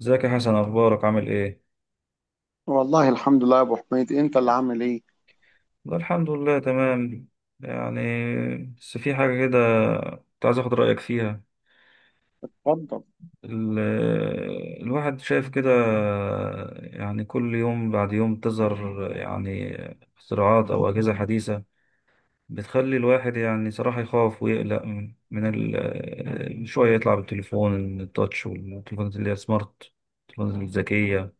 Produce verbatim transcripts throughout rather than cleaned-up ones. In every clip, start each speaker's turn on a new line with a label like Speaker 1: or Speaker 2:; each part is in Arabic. Speaker 1: ازيك يا حسن، اخبارك؟ عامل ايه؟
Speaker 2: والله الحمد لله يا ابو حميد، انت اللي عامل ايه؟
Speaker 1: والله الحمد لله تمام. يعني بس في حاجه كده، كنت عايز اخد رايك فيها.
Speaker 2: اتفضل.
Speaker 1: ال- الواحد شايف كده، يعني كل يوم بعد يوم تظهر يعني اختراعات او اجهزه حديثه بتخلي الواحد يعني صراحه يخاف ويقلق من من ال- شويه يطلع بالتليفون التاتش، والتليفونات اللي هي سمارت، التليفونات الذكيه،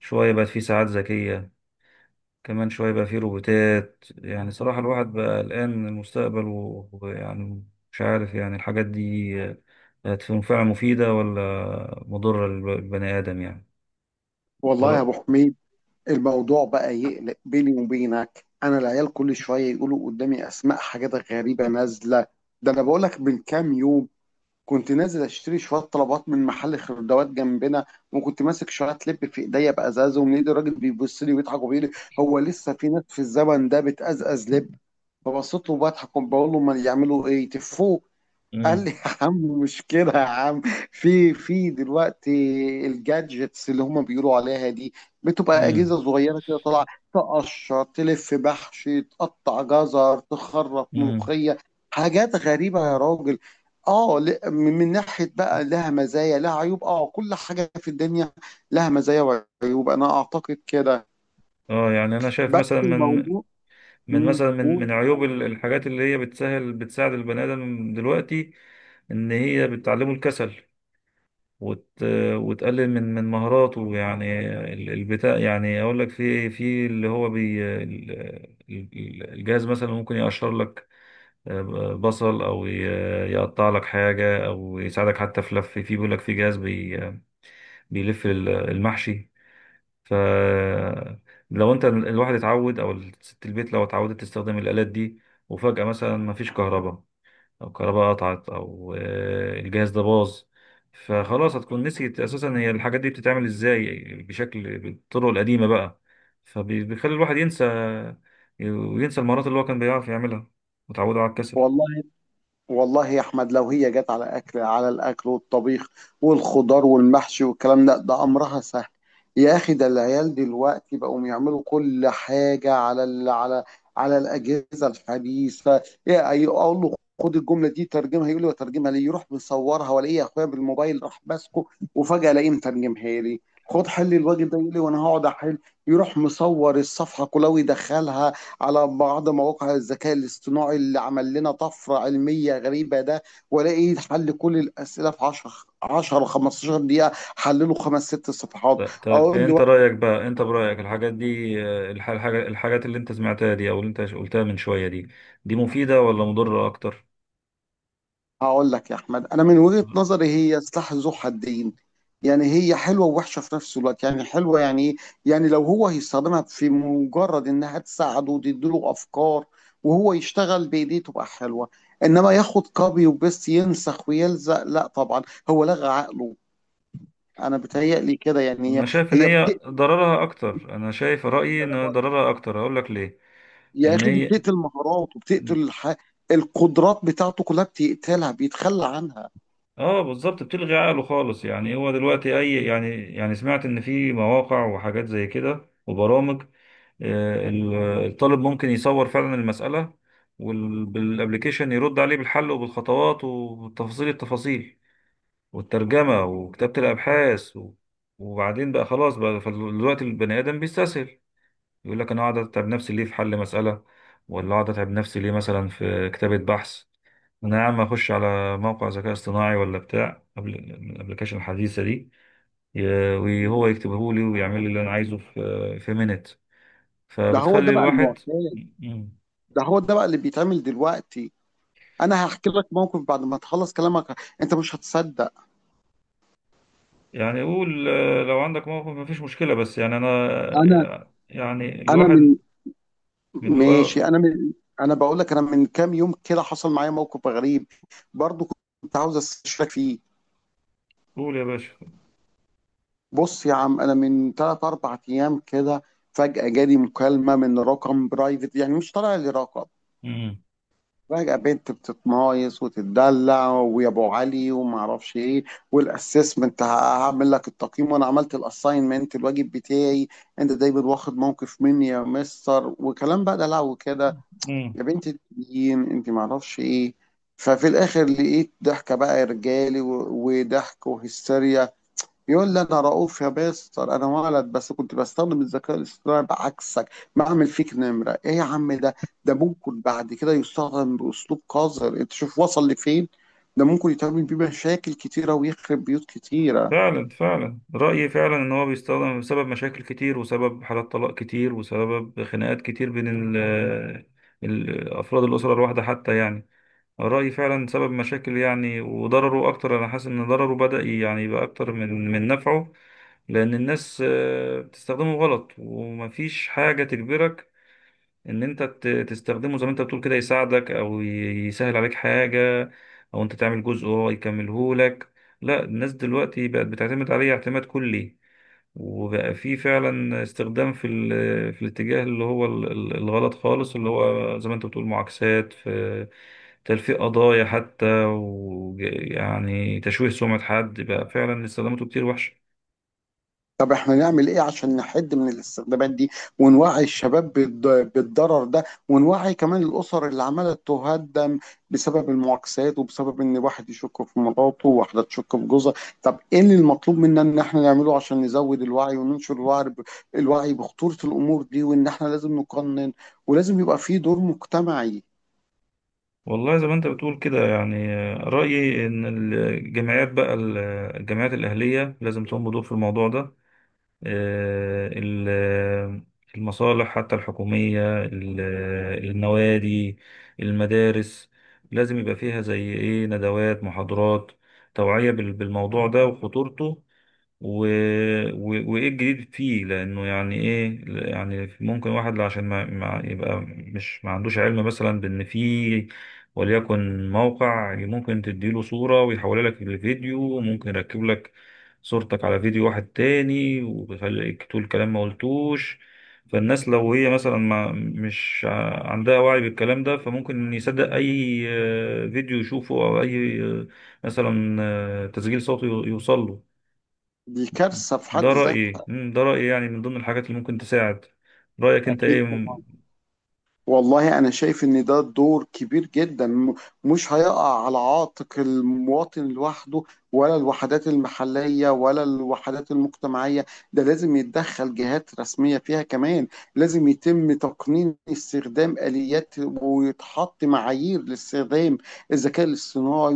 Speaker 1: شويه بقت في ساعات ذكيه، كمان شوية يبقى فيه روبوتات. يعني صراحة الواحد بقى قلقان من المستقبل و- ويعني مش عارف يعني الحاجات دي هتكون فعلا مفيدة ولا مضرة للبني آدم؟ يعني
Speaker 2: والله يا
Speaker 1: طر...
Speaker 2: ابو حميد، الموضوع بقى يقلق بيني وبينك. انا العيال كل شويه يقولوا قدامي اسماء حاجات غريبه نازله. ده انا بقول لك من كام يوم كنت نازل اشتري شويه طلبات من محل خردوات جنبنا، وكنت ماسك شويه لب في ايديا بازازه، ومن ايد الراجل بيبص لي ويضحك وبيقول لي: هو لسه في ناس في الزمن ده بتأزأز لب؟ فبصيت له بضحك وبقول له: ما يعملوا ايه؟ تفوه؟ قال
Speaker 1: مم.
Speaker 2: لي: يا عم، مشكلة يا عم. في في دلوقتي الجادجتس اللي هما بيقولوا عليها دي بتبقى
Speaker 1: مم.
Speaker 2: أجهزة صغيرة كده طالعة، تقشر، تلف بحش، تقطع جزر، تخرط
Speaker 1: مم.
Speaker 2: ملوخية. حاجات غريبة يا راجل. اه، ل- من من ناحية بقى لها مزايا لها عيوب. اه، كل حاجة في الدنيا لها مزايا وعيوب، أنا أعتقد كده.
Speaker 1: اه، يعني انا شايف
Speaker 2: بس
Speaker 1: مثلا من
Speaker 2: الموضوع.
Speaker 1: من
Speaker 2: امم
Speaker 1: مثلا من
Speaker 2: قول.
Speaker 1: من عيوب ال- الحاجات اللي هي بتسهل بتساعد البني ادم دلوقتي ان هي بتعلمه الكسل وت... وتقلل من من مهاراته. يعني ال- البتاع، يعني اقول لك في في اللي هو بي ال- ال- الجهاز مثلا ممكن يقشر لك آه، بصل، او ي- يقطع لك حاجه، او يساعدك حتى في لف، في بيقول لك في جهاز بي... بيلف ال- المحشي. ف لو انت الواحد اتعود، او ست البيت لو اتعودت تستخدم الالات دي، وفجاه مثلا ما فيش كهرباء، او كهرباء قطعت، او آه، الجهاز ده باظ، فخلاص هتكون نسيت اساسا هي الحاجات دي بتتعمل ازاي بشكل، بالطرق القديمه بقى، فبيخلي الواحد ينسى، وينسى المهارات اللي هو كان بيعرف يعملها، وتعوده على الكسل.
Speaker 2: والله، والله يا احمد لو هي جت على اكل، على الاكل والطبيخ والخضار والمحشي والكلام ده، ده امرها سهل. يا اخي، ده العيال دلوقتي بقوا يعملوا كل حاجه على ال على على الاجهزه الحديثه. يا- أي- اقول له: خد الجمله دي ترجمها، يقول لي: وترجمها ليه؟ يروح مصورها، والاقي اخويا بالموبايل راح ماسكه وفجاه الاقيه مترجمها لي. خد حل الواجب ده، يقول لي: وانا هقعد احل؟ يروح مصور الصفحه كلها ويدخلها على بعض مواقع الذكاء الاصطناعي اللي عمل لنا طفرة علمية غريبة ده، والاقي حل كل الأسئلة في عشرة، عشرة خمستاشر دقيقة. حلله خمس ست
Speaker 1: ط-
Speaker 2: صفحات.
Speaker 1: طب
Speaker 2: اقول
Speaker 1: انت
Speaker 2: له:
Speaker 1: رايك بقى، انت برايك الحاجات دي، آه، الح- الحاجه الحاجات اللي انت سمعتها دي او اللي انت قلتها من شويه دي، دي مفيده ولا مضره اكتر؟
Speaker 2: هقول لك يا احمد، انا من وجهة نظري هي سلاح ذو حدين. يعني هي حلوة ووحشة في نفس الوقت. يعني حلوة يعني ايه؟ يعني لو هو هيستخدمها في مجرد انها تساعده وتديله افكار وهو يشتغل بايديه تبقى حلوة. انما ياخد كوبي وبيست، ينسخ ويلزق، لا طبعا، هو لغى عقله. انا بتهيألي كده. يعني
Speaker 1: انا
Speaker 2: هي
Speaker 1: شايف ان
Speaker 2: هي
Speaker 1: هي
Speaker 2: بتقتل.
Speaker 1: ضررها اكتر، انا شايف رايي
Speaker 2: ده أنا
Speaker 1: ان
Speaker 2: بق-
Speaker 1: ضررها اكتر، هقول لك ليه.
Speaker 2: يا
Speaker 1: ان
Speaker 2: اخي دي
Speaker 1: هي
Speaker 2: بتقتل مهارات، وبتقتل الح... القدرات بتاعته كلها، بتقتلها، بيتخلى عنها.
Speaker 1: اه، بالظبط بتلغي عقله خالص. يعني هو دلوقتي اي يعني، يعني سمعت ان في مواقع وحاجات زي كده وبرامج، آه، ال- الطالب ممكن يصور فعلا المسألة، والابلكيشن يرد عليه بالحل وبالخطوات وتفاصيل التفاصيل والترجمة وكتابة الابحاث و- وبعدين بقى خلاص بقى فال- دلوقتي البني ادم بيستسهل. يقول لك انا اقعد اتعب نفسي ليه في حل مساله؟ ولا اقعد اتعب نفسي ليه مثلا في كتابه بحث؟ انا يا عم اخش على موقع ذكاء اصطناعي، ولا بتاع قبل الابلكيشن الحديثه دي ي- وهو يكتبه لي ويعمل لي اللي انا عايزه في في مينت،
Speaker 2: ده هو ده
Speaker 1: فبتخلي
Speaker 2: بقى
Speaker 1: الواحد.
Speaker 2: المعتاد،
Speaker 1: مم.
Speaker 2: ده هو ده بقى اللي بيتعمل دلوقتي. انا هحكي لك موقف بعد ما تخلص كلامك، انت مش هتصدق.
Speaker 1: يعني يقول، آه، لو عندك موقف مفيش مشكله، بس يعني انا
Speaker 2: انا
Speaker 1: آه، يعني
Speaker 2: انا من
Speaker 1: الواحد من اللي هو.
Speaker 2: ماشي انا من انا بقول لك، انا من كام يوم كده حصل معايا موقف غريب برضو، كنت عاوز استشارك فيه.
Speaker 1: قول يا باشا.
Speaker 2: بص يا عم، انا من ثلاث أربع ايام كده فجأة جالي مكالمة من رقم برايفت، يعني مش طالع لي رقم.
Speaker 1: مم.
Speaker 2: فجأة بنت بتتمايص وتتدلع: ويا ابو علي وما اعرفش ايه، والاسسمنت هعمل لك التقييم، وانا عملت الاساينمنت الواجب بتاعي، انت دايما واخد موقف مني يا مستر، وكلام بقى ده. لو كده
Speaker 1: مم.
Speaker 2: يا بنت التنين، انت ما اعرفش ايه. ففي الاخر لقيت ضحكة بقى رجالي و- وضحك وهستيريا. يقول لي: انا رؤوف يا بيستر، انا ولد، بس كنت بستخدم الذكاء الاصطناعي بعكسك، بعمل فيك نمره ايه يا عم ده؟ ده ممكن بعد كده يستخدم باسلوب قذر، انت شوف وصل لفين. ده ممكن يتعمل بيه مشاكل كتيره ويخرب بيوت كتيره.
Speaker 1: فعلا فعلا، رأيي فعلا إن هو بيستخدم بسبب مشاكل كتير، وسبب حالات طلاق كتير، وسبب خناقات كتير بين ال ال- أفراد الأسرة الواحدة حتى، يعني رأيي فعلا سبب مشاكل، يعني وضرره أكتر. أنا حاسس إن ضرره بدأ يعني يبقى أكتر من من نفعه، لأن الناس آه، بتستخدمه غلط، ومفيش حاجة تجبرك ان انت ت- تستخدمه زي ما انت بتقول كده، يساعدك او ي- يسهل عليك حاجة، او انت تعمل جزء وهو يكمله لك. لا، الناس دلوقتي بقت بتعتمد عليه اعتماد كلي، وبقى في فعلا استخدام في ال- في الاتجاه اللي هو ال- ال- الغلط خالص، اللي هو زي ما انت بتقول، معاكسات، في تلفيق قضايا حتى، ويعني تشويه سمعة حد. بقى فعلا استخداماته كتير وحشة.
Speaker 2: طب احنا نعمل ايه عشان نحد من الاستخدامات دي، ونوعي الشباب بالض- بالضرر ده، ونوعي كمان الاسر اللي عماله تهدم بسبب المعاكسات، وبسبب ان واحد يشك في مراته وواحده تشك في جوزها؟ طب ايه اللي المطلوب منا ان احنا نعمله عشان نزود الوعي وننشر الوعي ب- الوعي بخطورة الامور دي؟ وان احنا لازم نقنن، ولازم يبقى في دور مجتمعي.
Speaker 1: والله زي ما انت بتقول كده، يعني آه، رأيي ان الجمعيات بقى ال- الجمعيات الأهلية لازم تقوم بدور في الموضوع ده. آه، ال- آه، المصالح حتى الحكومية، ال- آه، النوادي، المدارس، لازم يبقى فيها زي ايه، ندوات، محاضرات، توعية بال- بالموضوع ده وخطورته، و... و... وايه الجديد فيه، لانه يعني ايه، يعني ممكن واحد عشان ما... ما يبقى مش ما عندوش علم مثلا بان في، وليكن موقع ممكن تديله صورة ويحولها لك لفيديو، ممكن يركب لك صورتك على فيديو واحد تاني ويخليك تقول كلام ما قلتوش. فالناس لو هي مثلا ما مش ع- عندها وعي بالكلام ده، فممكن يصدق اي آه، فيديو يشوفه، او اي آه، مثلا آه، تسجيل صوتي يوصل له.
Speaker 2: دي كارثة في حد
Speaker 1: ده رأيي.
Speaker 2: ذاتها.
Speaker 1: مم، ده رأيي، يعني من ضمن الحاجات اللي ممكن تساعد. رأيك انت ايه؟
Speaker 2: اكيد.
Speaker 1: مم.
Speaker 2: والله أنا شايف إن ده دور كبير جدا، م- مش هيقع على عاتق المواطن لوحده، ولا الوحدات المحلية، ولا الوحدات المجتمعية. ده لازم يتدخل جهات رسمية فيها كمان. لازم يتم تقنين استخدام آليات، ويتحط معايير لاستخدام الذكاء الاصطناعي.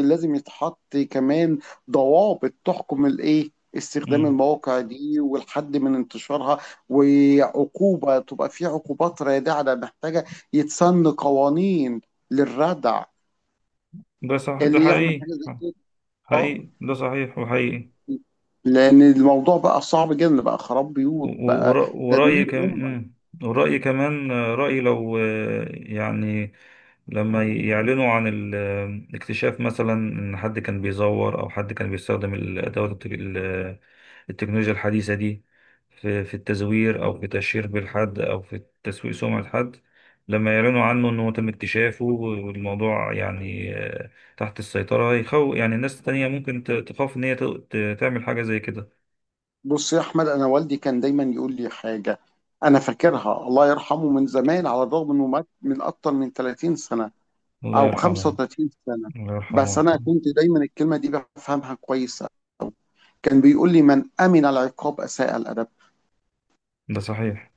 Speaker 2: ولازم يتحط كمان ضوابط تحكم الإيه، استخدام
Speaker 1: مم.
Speaker 2: المواقع دي، والحد من انتشارها. وعقوبة، تبقى في عقوبات رادعة. ده محتاجة يتسن قوانين للردع
Speaker 1: ده صح، ده
Speaker 2: اللي يعمل
Speaker 1: حقيقي.
Speaker 2: حاجة زي كده. اه،
Speaker 1: حقيقي، ده صحيح وحقيقي.
Speaker 2: لأن الموضوع بقى صعب جدا، بقى خراب بيوت،
Speaker 1: و-
Speaker 2: بقى
Speaker 1: ور- ورأيي
Speaker 2: تدمير أمة.
Speaker 1: كمان، ورأيي كمان آه، رأيي لو آه، يعني لما يعلنوا عن الاكتشاف، مثلا ان حد كان بيزور، او حد كان بيستخدم الادوات التك- ال- آه، التكنولوجيا الحديثة دي في في التزوير، او في تشهير بالحد، او في تسويق سمعة حد، لما يعلنوا عنه انه تم اكتشافه والموضوع يعني آه، تحت السيطرة، يخو يعني الناس التانية ممكن ت- تخاف ان هي ت- ت- تعمل حاجة زي كده.
Speaker 2: بص يا أحمد، أنا والدي كان دايما يقول لي حاجة أنا فاكرها، الله يرحمه، من زمان، على الرغم إنه مات من أكتر من 30 سنة
Speaker 1: الله
Speaker 2: أو
Speaker 1: يرحمه.
Speaker 2: 35 سنة.
Speaker 1: الله يرحمه
Speaker 2: بس أنا
Speaker 1: ويرحمه.
Speaker 2: كنت دايما الكلمة دي بفهمها كويسة. كان بيقول لي: من أمن العقاب أساء الأدب.
Speaker 1: ده صحيح.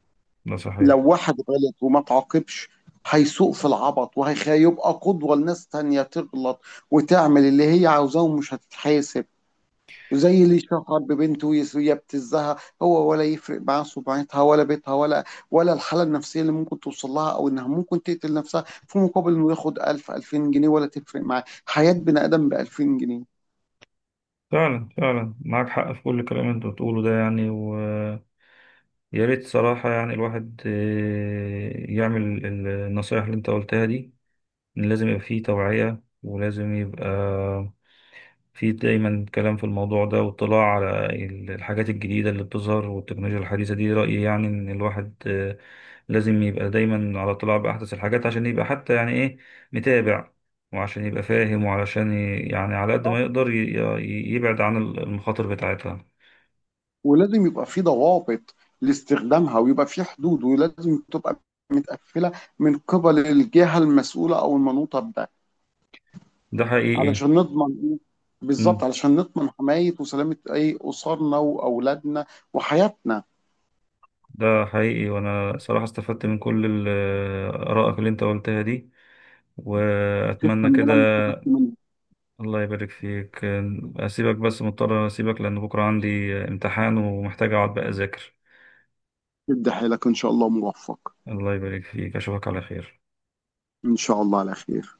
Speaker 1: ده صحيح.
Speaker 2: لو واحد غلط وما تعاقبش هيسوق في العبط، وهيبقى قدوة لناس تانية تغلط وتعمل اللي هي عاوزاه ومش هتتحاسب. وزي اللي شهر ببنته ويس- ويبتزها، هو ولا يفرق معاه سمعتها ولا بيتها، ولا ولا الحالة النفسية اللي ممكن توصل لها، أو إنها ممكن تقتل نفسها، في مقابل إنه ياخد ألف ألفين جنيه. ولا تفرق معاه حياة بني آدم ب الفين جنيه؟
Speaker 1: فعلا فعلا، معاك حق في كل كلام انت بتقوله ده، يعني ويا ريت صراحة يعني الواحد آه، يعمل النصايح اللي انت قلتها دي. إن لازم يبقى فيه توعية، ولازم يبقى في دايما كلام في الموضوع ده، واطلاع على ال- الحاجات الجديدة اللي بتظهر والتكنولوجيا الحديثة دي. رأيي يعني إن الواحد آه، لازم يبقى دايما على اطلاع بأحدث الحاجات، عشان يبقى حتى يعني إيه، متابع، وعشان يبقى فاهم، وعلشان ي- يعني على قد ما يقدر ي- ي- يبعد عن ال- المخاطر بتاعتها.
Speaker 2: ولازم يبقى في ضوابط لاستخدامها، ويبقى في حدود، ولازم تبقى متقفله من قبل الجهه المسؤوله او المنوطه بده،
Speaker 1: ده حقيقي.
Speaker 2: علشان نضمن، بالظبط
Speaker 1: مم.
Speaker 2: علشان نضمن حمايه وسلامه اي اسرنا واولادنا وحياتنا.
Speaker 1: ده حقيقي، وأنا صراحة استفدت من كل ال- آه، آرائك اللي أنت قلتها دي، وأتمنى
Speaker 2: تسلم
Speaker 1: كده.
Speaker 2: لنا اللي استفدت منه.
Speaker 1: الله يبارك فيك. أسيبك، بس مضطر أسيبك لأن بكرة عندي امتحان ومحتاج أقعد بقى أذاكر.
Speaker 2: ادي حيلك، ان شاء الله موفق.
Speaker 1: الله يبارك فيك، أشوفك على خير.
Speaker 2: ان شاء الله على خير.